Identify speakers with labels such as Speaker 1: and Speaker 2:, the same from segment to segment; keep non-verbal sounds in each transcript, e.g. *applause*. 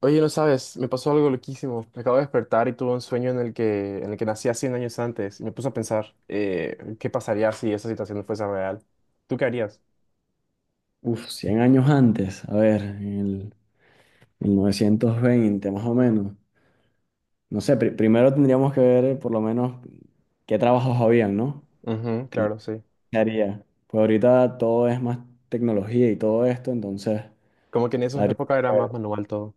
Speaker 1: Oye, no sabes, me pasó algo loquísimo. Me acabo de despertar y tuve un sueño en el que nací a 100 años antes. Y me puse a pensar, ¿qué pasaría si esa situación no fuese real? ¿Tú qué harías?
Speaker 2: Uf, 100 años antes, a ver, en el 1920 más o menos. No sé, primero tendríamos que ver por lo menos qué trabajos habían, ¿no?
Speaker 1: Ujú,
Speaker 2: Y
Speaker 1: claro, sí.
Speaker 2: qué haría. Pues ahorita todo es más tecnología y todo esto, entonces
Speaker 1: Como que en esa
Speaker 2: habría
Speaker 1: época era
Speaker 2: que
Speaker 1: más
Speaker 2: ver.
Speaker 1: manual todo.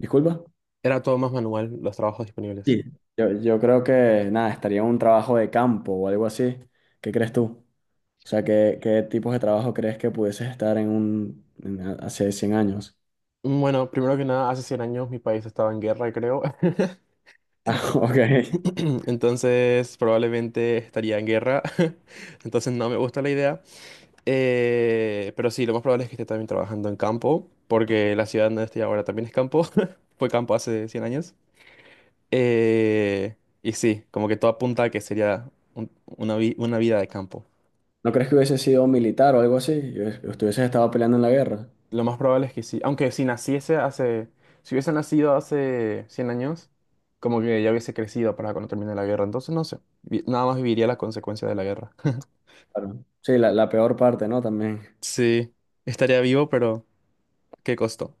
Speaker 2: Disculpa.
Speaker 1: Era todo más manual, los trabajos disponibles.
Speaker 2: Sí. Yo creo que, nada, estaría un trabajo de campo o algo así. ¿Qué crees tú? O sea, ¿qué tipos de trabajo crees que pudieses estar en hace 100 años?
Speaker 1: Bueno, primero que nada, hace 100 años mi país estaba en guerra, creo. *laughs*
Speaker 2: *laughs* Ah, ok.
Speaker 1: *clears throat* Entonces, probablemente estaría en guerra. *laughs* Entonces, no me gusta la idea. Pero sí, lo más probable es que esté también trabajando en campo, porque la ciudad donde estoy ahora también es campo. *laughs* Fue campo hace 100 años. Eh, y sí, como que todo apunta a que sería una vida de campo.
Speaker 2: ¿No crees que hubiese sido militar o algo así? Y ¿Hubieses estado peleando en la guerra?
Speaker 1: Lo más probable es que sí. Aunque si naciese hace... Si hubiese nacido hace 100 años, como que ya hubiese crecido para cuando termine la guerra. Entonces, no sé. Nada más viviría la consecuencia de la guerra. *laughs*
Speaker 2: Claro. Sí, la peor parte, ¿no? También.
Speaker 1: Sí, estaría vivo, pero ¿qué costó?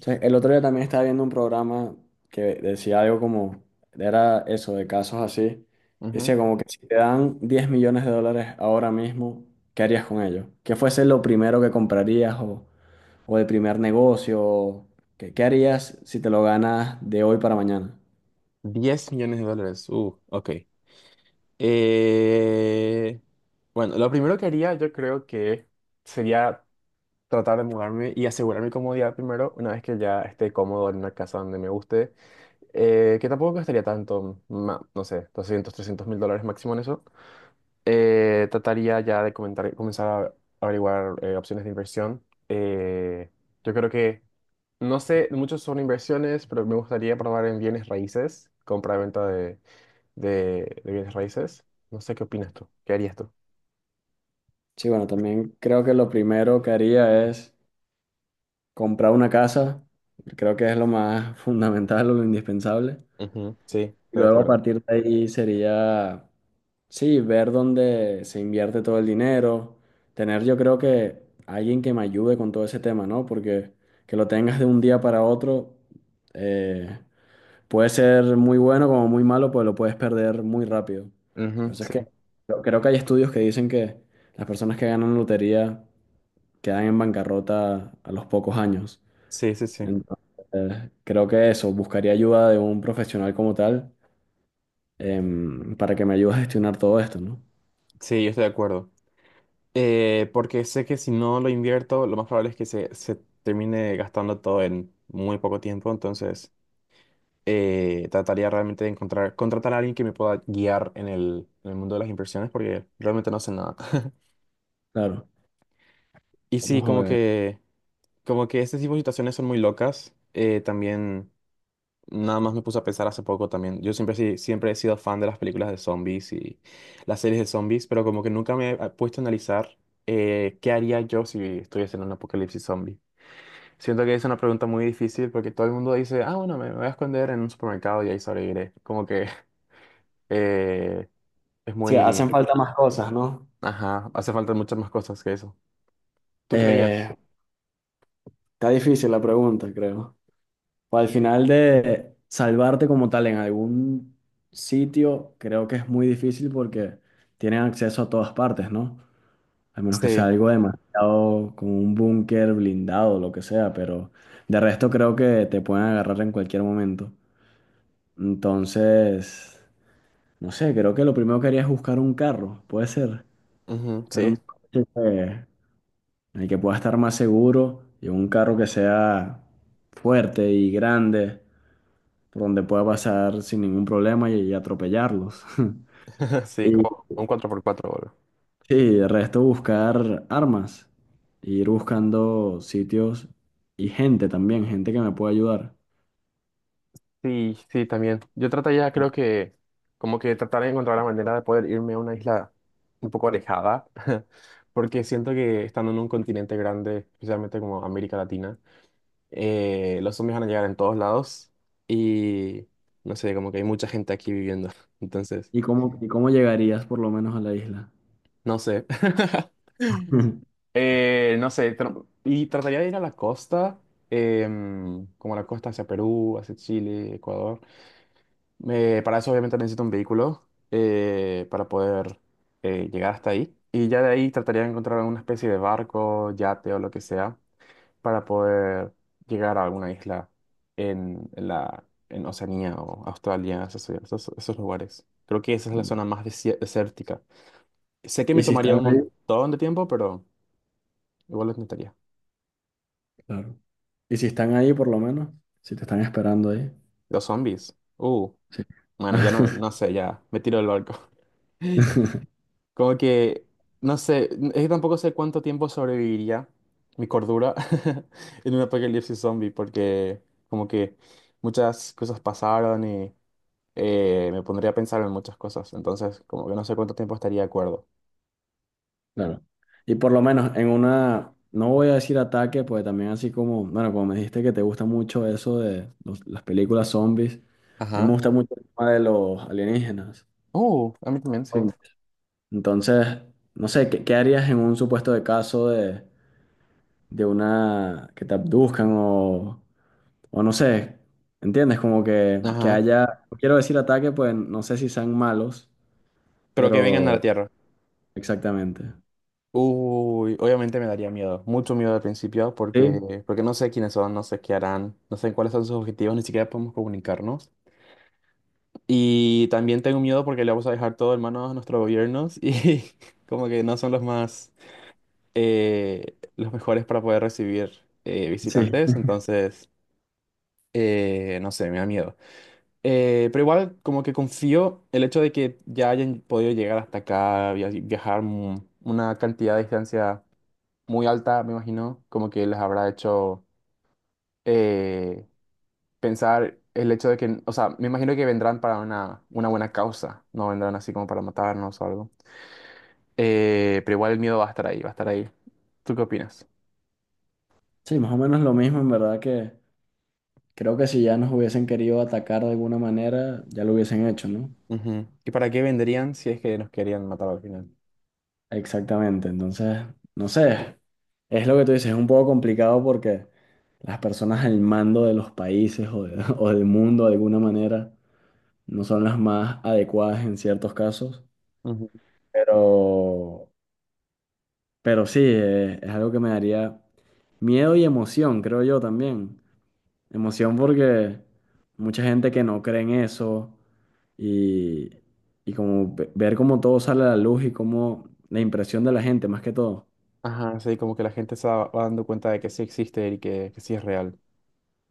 Speaker 2: O sea, el otro día también estaba viendo un programa que decía algo como, era eso, de casos así.
Speaker 1: Ujú.
Speaker 2: Decía como que si te dan 10 millones de dólares ahora mismo, ¿qué harías con ellos? ¿Qué fuese lo primero que comprarías, o el primer negocio? ¿Qué harías si te lo ganas de hoy para mañana?
Speaker 1: 10 millones de dólares. Ok. Eh, bueno, lo primero que haría yo creo que sería tratar de mudarme y asegurar mi comodidad primero, una vez que ya esté cómodo en una casa donde me guste, que tampoco gastaría tanto, no sé, 200 300 mil dólares máximo en eso. Trataría ya de comenzar a averiguar opciones de inversión. Eh, yo creo que, no sé, muchos son inversiones, pero me gustaría probar en bienes raíces, compra-venta de bienes raíces. No sé qué opinas tú. ¿Qué harías tú?
Speaker 2: Sí, bueno, también creo que lo primero que haría es comprar una casa, creo que es lo más *laughs* fundamental o lo indispensable.
Speaker 1: Ujú, sí, estoy
Speaker 2: Y
Speaker 1: de
Speaker 2: luego a
Speaker 1: acuerdo.
Speaker 2: partir de ahí sería, sí, ver dónde se invierte todo el dinero, tener yo creo que alguien que me ayude con todo ese tema, ¿no? Porque que lo tengas de un día para otro eh, puede ser muy bueno como muy malo, pues lo puedes perder muy rápido. Por
Speaker 1: Ujú,
Speaker 2: eso es
Speaker 1: sí.
Speaker 2: que creo que hay estudios que dicen que las personas que ganan lotería quedan en bancarrota a los pocos años.
Speaker 1: Sí, sí, sí.
Speaker 2: Entonces, creo que eso, buscaría ayuda de un profesional como tal, para que me ayude a gestionar todo esto, ¿no?
Speaker 1: Sí, yo estoy de acuerdo. Porque sé que si no lo invierto, lo más probable es que se termine gastando todo en muy poco tiempo. Entonces, trataría realmente de encontrar, contratar a alguien que me pueda guiar en el mundo de las inversiones, porque realmente no sé nada. *laughs*
Speaker 2: Claro,
Speaker 1: Y sí,
Speaker 2: vamos a
Speaker 1: como
Speaker 2: ver.
Speaker 1: que, como que este tipo de situaciones son muy locas. También. Nada más me puse a pensar hace poco también. Yo siempre, siempre he sido fan de las películas de zombies y las series de zombies, pero como que nunca me he puesto a analizar qué haría yo si estuviese en un apocalipsis zombie. Siento que es una pregunta muy difícil porque todo el mundo dice, ah, bueno, me voy a esconder en un supermercado y ahí sobreviviré. Como que *laughs* eh, es
Speaker 2: Sí, hacen
Speaker 1: muy.
Speaker 2: falta más cosas, ¿no?
Speaker 1: Ajá, hace falta muchas más cosas que eso. ¿Tú qué harías?
Speaker 2: Eh, Está difícil la pregunta, creo. O al final de salvarte como tal en algún sitio, creo que es muy difícil porque tienen acceso a todas partes, ¿no? A menos que sea
Speaker 1: Sí,
Speaker 2: algo demasiado como un búnker blindado, lo que sea, pero de resto creo que te pueden agarrar en cualquier momento. Entonces, no sé, creo que lo primero que haría es buscar un carro, puede ser,
Speaker 1: ujú,
Speaker 2: pero
Speaker 1: sí,
Speaker 2: un coche en el que pueda estar más seguro y un carro que sea fuerte y grande, por donde pueda pasar sin ningún problema y atropellarlos. *laughs*
Speaker 1: *laughs* sí,
Speaker 2: Y
Speaker 1: como un 4x4.
Speaker 2: sí, el resto buscar armas, ir buscando sitios y gente también, gente que me pueda ayudar.
Speaker 1: Sí, sí, también. Yo trataría, creo que, como que tratar de encontrar la manera de poder irme a una isla un poco alejada, *laughs* porque siento que estando en un continente grande, especialmente como América Latina, los zombies van a llegar en todos lados y no sé, como que hay mucha gente aquí viviendo. *laughs* Entonces,
Speaker 2: Y cómo llegarías por lo menos a la isla?
Speaker 1: no sé. *laughs*
Speaker 2: *laughs*
Speaker 1: No sé, y trataría de ir a la costa, como a la costa hacia Perú, hacia Chile, Ecuador. Para eso obviamente necesito un vehículo para poder llegar hasta ahí. Y ya de ahí trataría de encontrar alguna especie de barco, yate o lo que sea para poder llegar a alguna isla en Oceanía o Australia, esos lugares. Creo que esa es la zona más desértica. Sé que
Speaker 2: ¿Y
Speaker 1: me
Speaker 2: si
Speaker 1: tomaría
Speaker 2: están
Speaker 1: un
Speaker 2: ahí?
Speaker 1: montón de tiempo, pero igual lo intentaría.
Speaker 2: Claro. Y si están ahí, por lo menos, si te están esperando ahí,
Speaker 1: Los zombies. Uh,
Speaker 2: sí.
Speaker 1: bueno, ya no,
Speaker 2: *laughs*
Speaker 1: no sé, ya me tiro del barco. *laughs* Como que, no sé, es que tampoco sé cuánto tiempo sobreviviría mi cordura *laughs* en un apocalipsis zombie, porque como que muchas cosas pasaron y me pondría a pensar en muchas cosas, entonces como que no sé cuánto tiempo estaría de acuerdo.
Speaker 2: Claro. Y por lo menos en una, no voy a decir ataque, pues también así como, bueno, como me dijiste que te gusta mucho eso de las películas zombies, a mí me
Speaker 1: Ajá,
Speaker 2: gusta mucho el tema de los alienígenas.
Speaker 1: A mí también, sí.
Speaker 2: Entonces, no sé, ¿qué harías en un supuesto de caso de una que te abduzcan, o no sé, ¿entiendes? Como que
Speaker 1: Ajá.
Speaker 2: haya, no quiero decir ataque, pues no sé si sean malos,
Speaker 1: Pero que vengan a la
Speaker 2: pero
Speaker 1: Tierra.
Speaker 2: exactamente.
Speaker 1: Uy, obviamente me daría miedo, mucho miedo al principio,
Speaker 2: Sí.
Speaker 1: porque no sé quiénes son, no sé qué harán, no sé cuáles son sus objetivos, ni siquiera podemos comunicarnos. Y también tengo miedo porque le vamos a dejar todo en manos a nuestros gobiernos y *laughs* como que no son los mejores para poder recibir
Speaker 2: Sí,
Speaker 1: visitantes, entonces, no sé, me da miedo. Pero igual como que confío el hecho de que ya hayan podido llegar hasta acá, viajar una cantidad de distancia muy alta, me imagino, como que les habrá hecho eh, pensar el hecho de que, o sea, me imagino que vendrán para una buena causa, no vendrán así como para matarnos o algo. Pero igual el miedo va a estar ahí, va a estar ahí. ¿Tú qué opinas?
Speaker 2: sí, más o menos lo mismo, en verdad que creo que si ya nos hubiesen querido atacar de alguna manera, ya lo hubiesen hecho, ¿no?
Speaker 1: Ujú. ¿Y para qué vendrían si es que nos querían matar al final?
Speaker 2: Exactamente, entonces, no sé, es lo que tú dices, es un poco complicado porque las personas al mando de los países, *laughs* o del mundo de alguna manera no son las más adecuadas en ciertos casos,
Speaker 1: Ujú.
Speaker 2: pero, pero sí, es algo que me daría miedo y emoción, creo yo también. Emoción porque mucha gente que no cree en eso y, y como ver cómo todo sale a la luz y cómo la impresión de la gente, más que todo.
Speaker 1: Ajá, sí, como que la gente se va dando cuenta de que sí existe y que sí es real.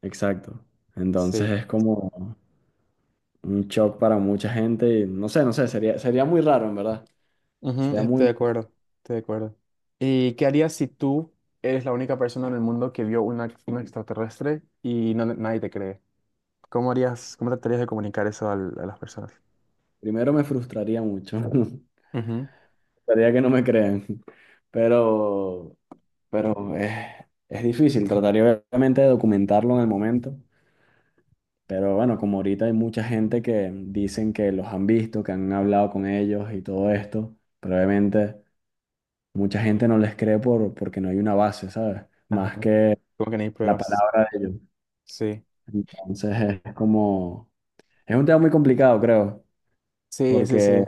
Speaker 2: Exacto. Entonces
Speaker 1: Sí,
Speaker 2: es como un shock para mucha gente y no sé, no sé, sería, sería muy raro en verdad.
Speaker 1: ujú,
Speaker 2: Sería
Speaker 1: estoy
Speaker 2: muy,
Speaker 1: de acuerdo, estoy de acuerdo. ¿Y qué harías si tú eres la única persona en el mundo que vio un extraterrestre y no, nadie te cree? ¿Cómo harías, cómo tratarías de comunicar eso a las personas?
Speaker 2: primero me frustraría mucho. *laughs*
Speaker 1: Ujú,
Speaker 2: Sería que no me crean. Pero, pero es difícil. Trataría obviamente de documentarlo en el momento. Pero bueno, como ahorita hay mucha gente que dicen que los han visto, que han hablado con ellos y todo esto, probablemente mucha gente no les cree por, porque no hay una base, ¿sabes?
Speaker 1: ajá.
Speaker 2: Más que
Speaker 1: Como que no hay
Speaker 2: la
Speaker 1: pruebas.
Speaker 2: palabra de ellos.
Speaker 1: Sí.
Speaker 2: Entonces es como, es un tema muy complicado, creo,
Speaker 1: Sí, sí,
Speaker 2: porque
Speaker 1: sí.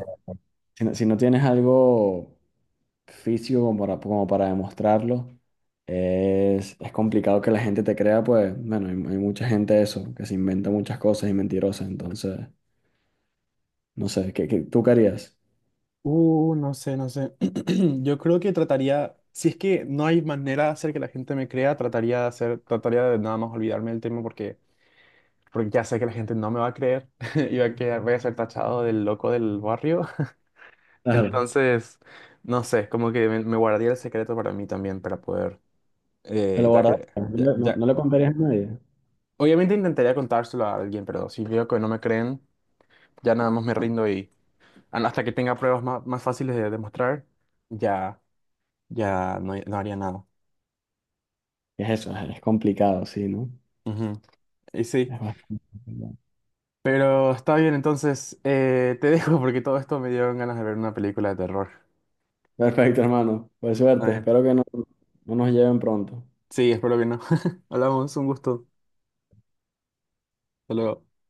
Speaker 2: si, no si no tienes algo físico como para, como para demostrarlo, es complicado que la gente te crea, pues bueno, hay mucha gente eso, que se inventa muchas cosas y mentirosas, entonces. No sé, tú querías.
Speaker 1: No sé, no sé. *clears throat* Yo creo que trataría, si es que no hay manera de hacer que la gente me crea, trataría de nada más olvidarme del tema porque ya sé que la gente no me va a creer *laughs* y va a quedar, voy a ser tachado del loco del barrio. *laughs*
Speaker 2: Claro.
Speaker 1: Entonces, no sé, como que me guardaría el secreto para mí también, para poder,
Speaker 2: ¿Te
Speaker 1: eh,
Speaker 2: lo
Speaker 1: ya
Speaker 2: guardas?
Speaker 1: que,
Speaker 2: ¿No
Speaker 1: ya,
Speaker 2: le,
Speaker 1: ya-
Speaker 2: no le contarías a nadie?
Speaker 1: Obviamente intentaría contárselo a alguien, pero si veo que no me creen, ya nada más me rindo y hasta que tenga pruebas más fáciles de demostrar, ya, ya no, haría nada.
Speaker 2: Es eso, es complicado, sí, ¿no?
Speaker 1: Ujú. Y sí,
Speaker 2: Es bastante complicado.
Speaker 1: pero está bien, entonces te *laughs* dejo porque todo esto me dio ganas de ver una película de terror.
Speaker 2: Perfecto, hermano. Pues
Speaker 1: Está
Speaker 2: suerte,
Speaker 1: bien.
Speaker 2: espero que no, no nos lleven pronto.
Speaker 1: Sí, espero que no. *laughs* Hablamos, un gusto. Hasta luego.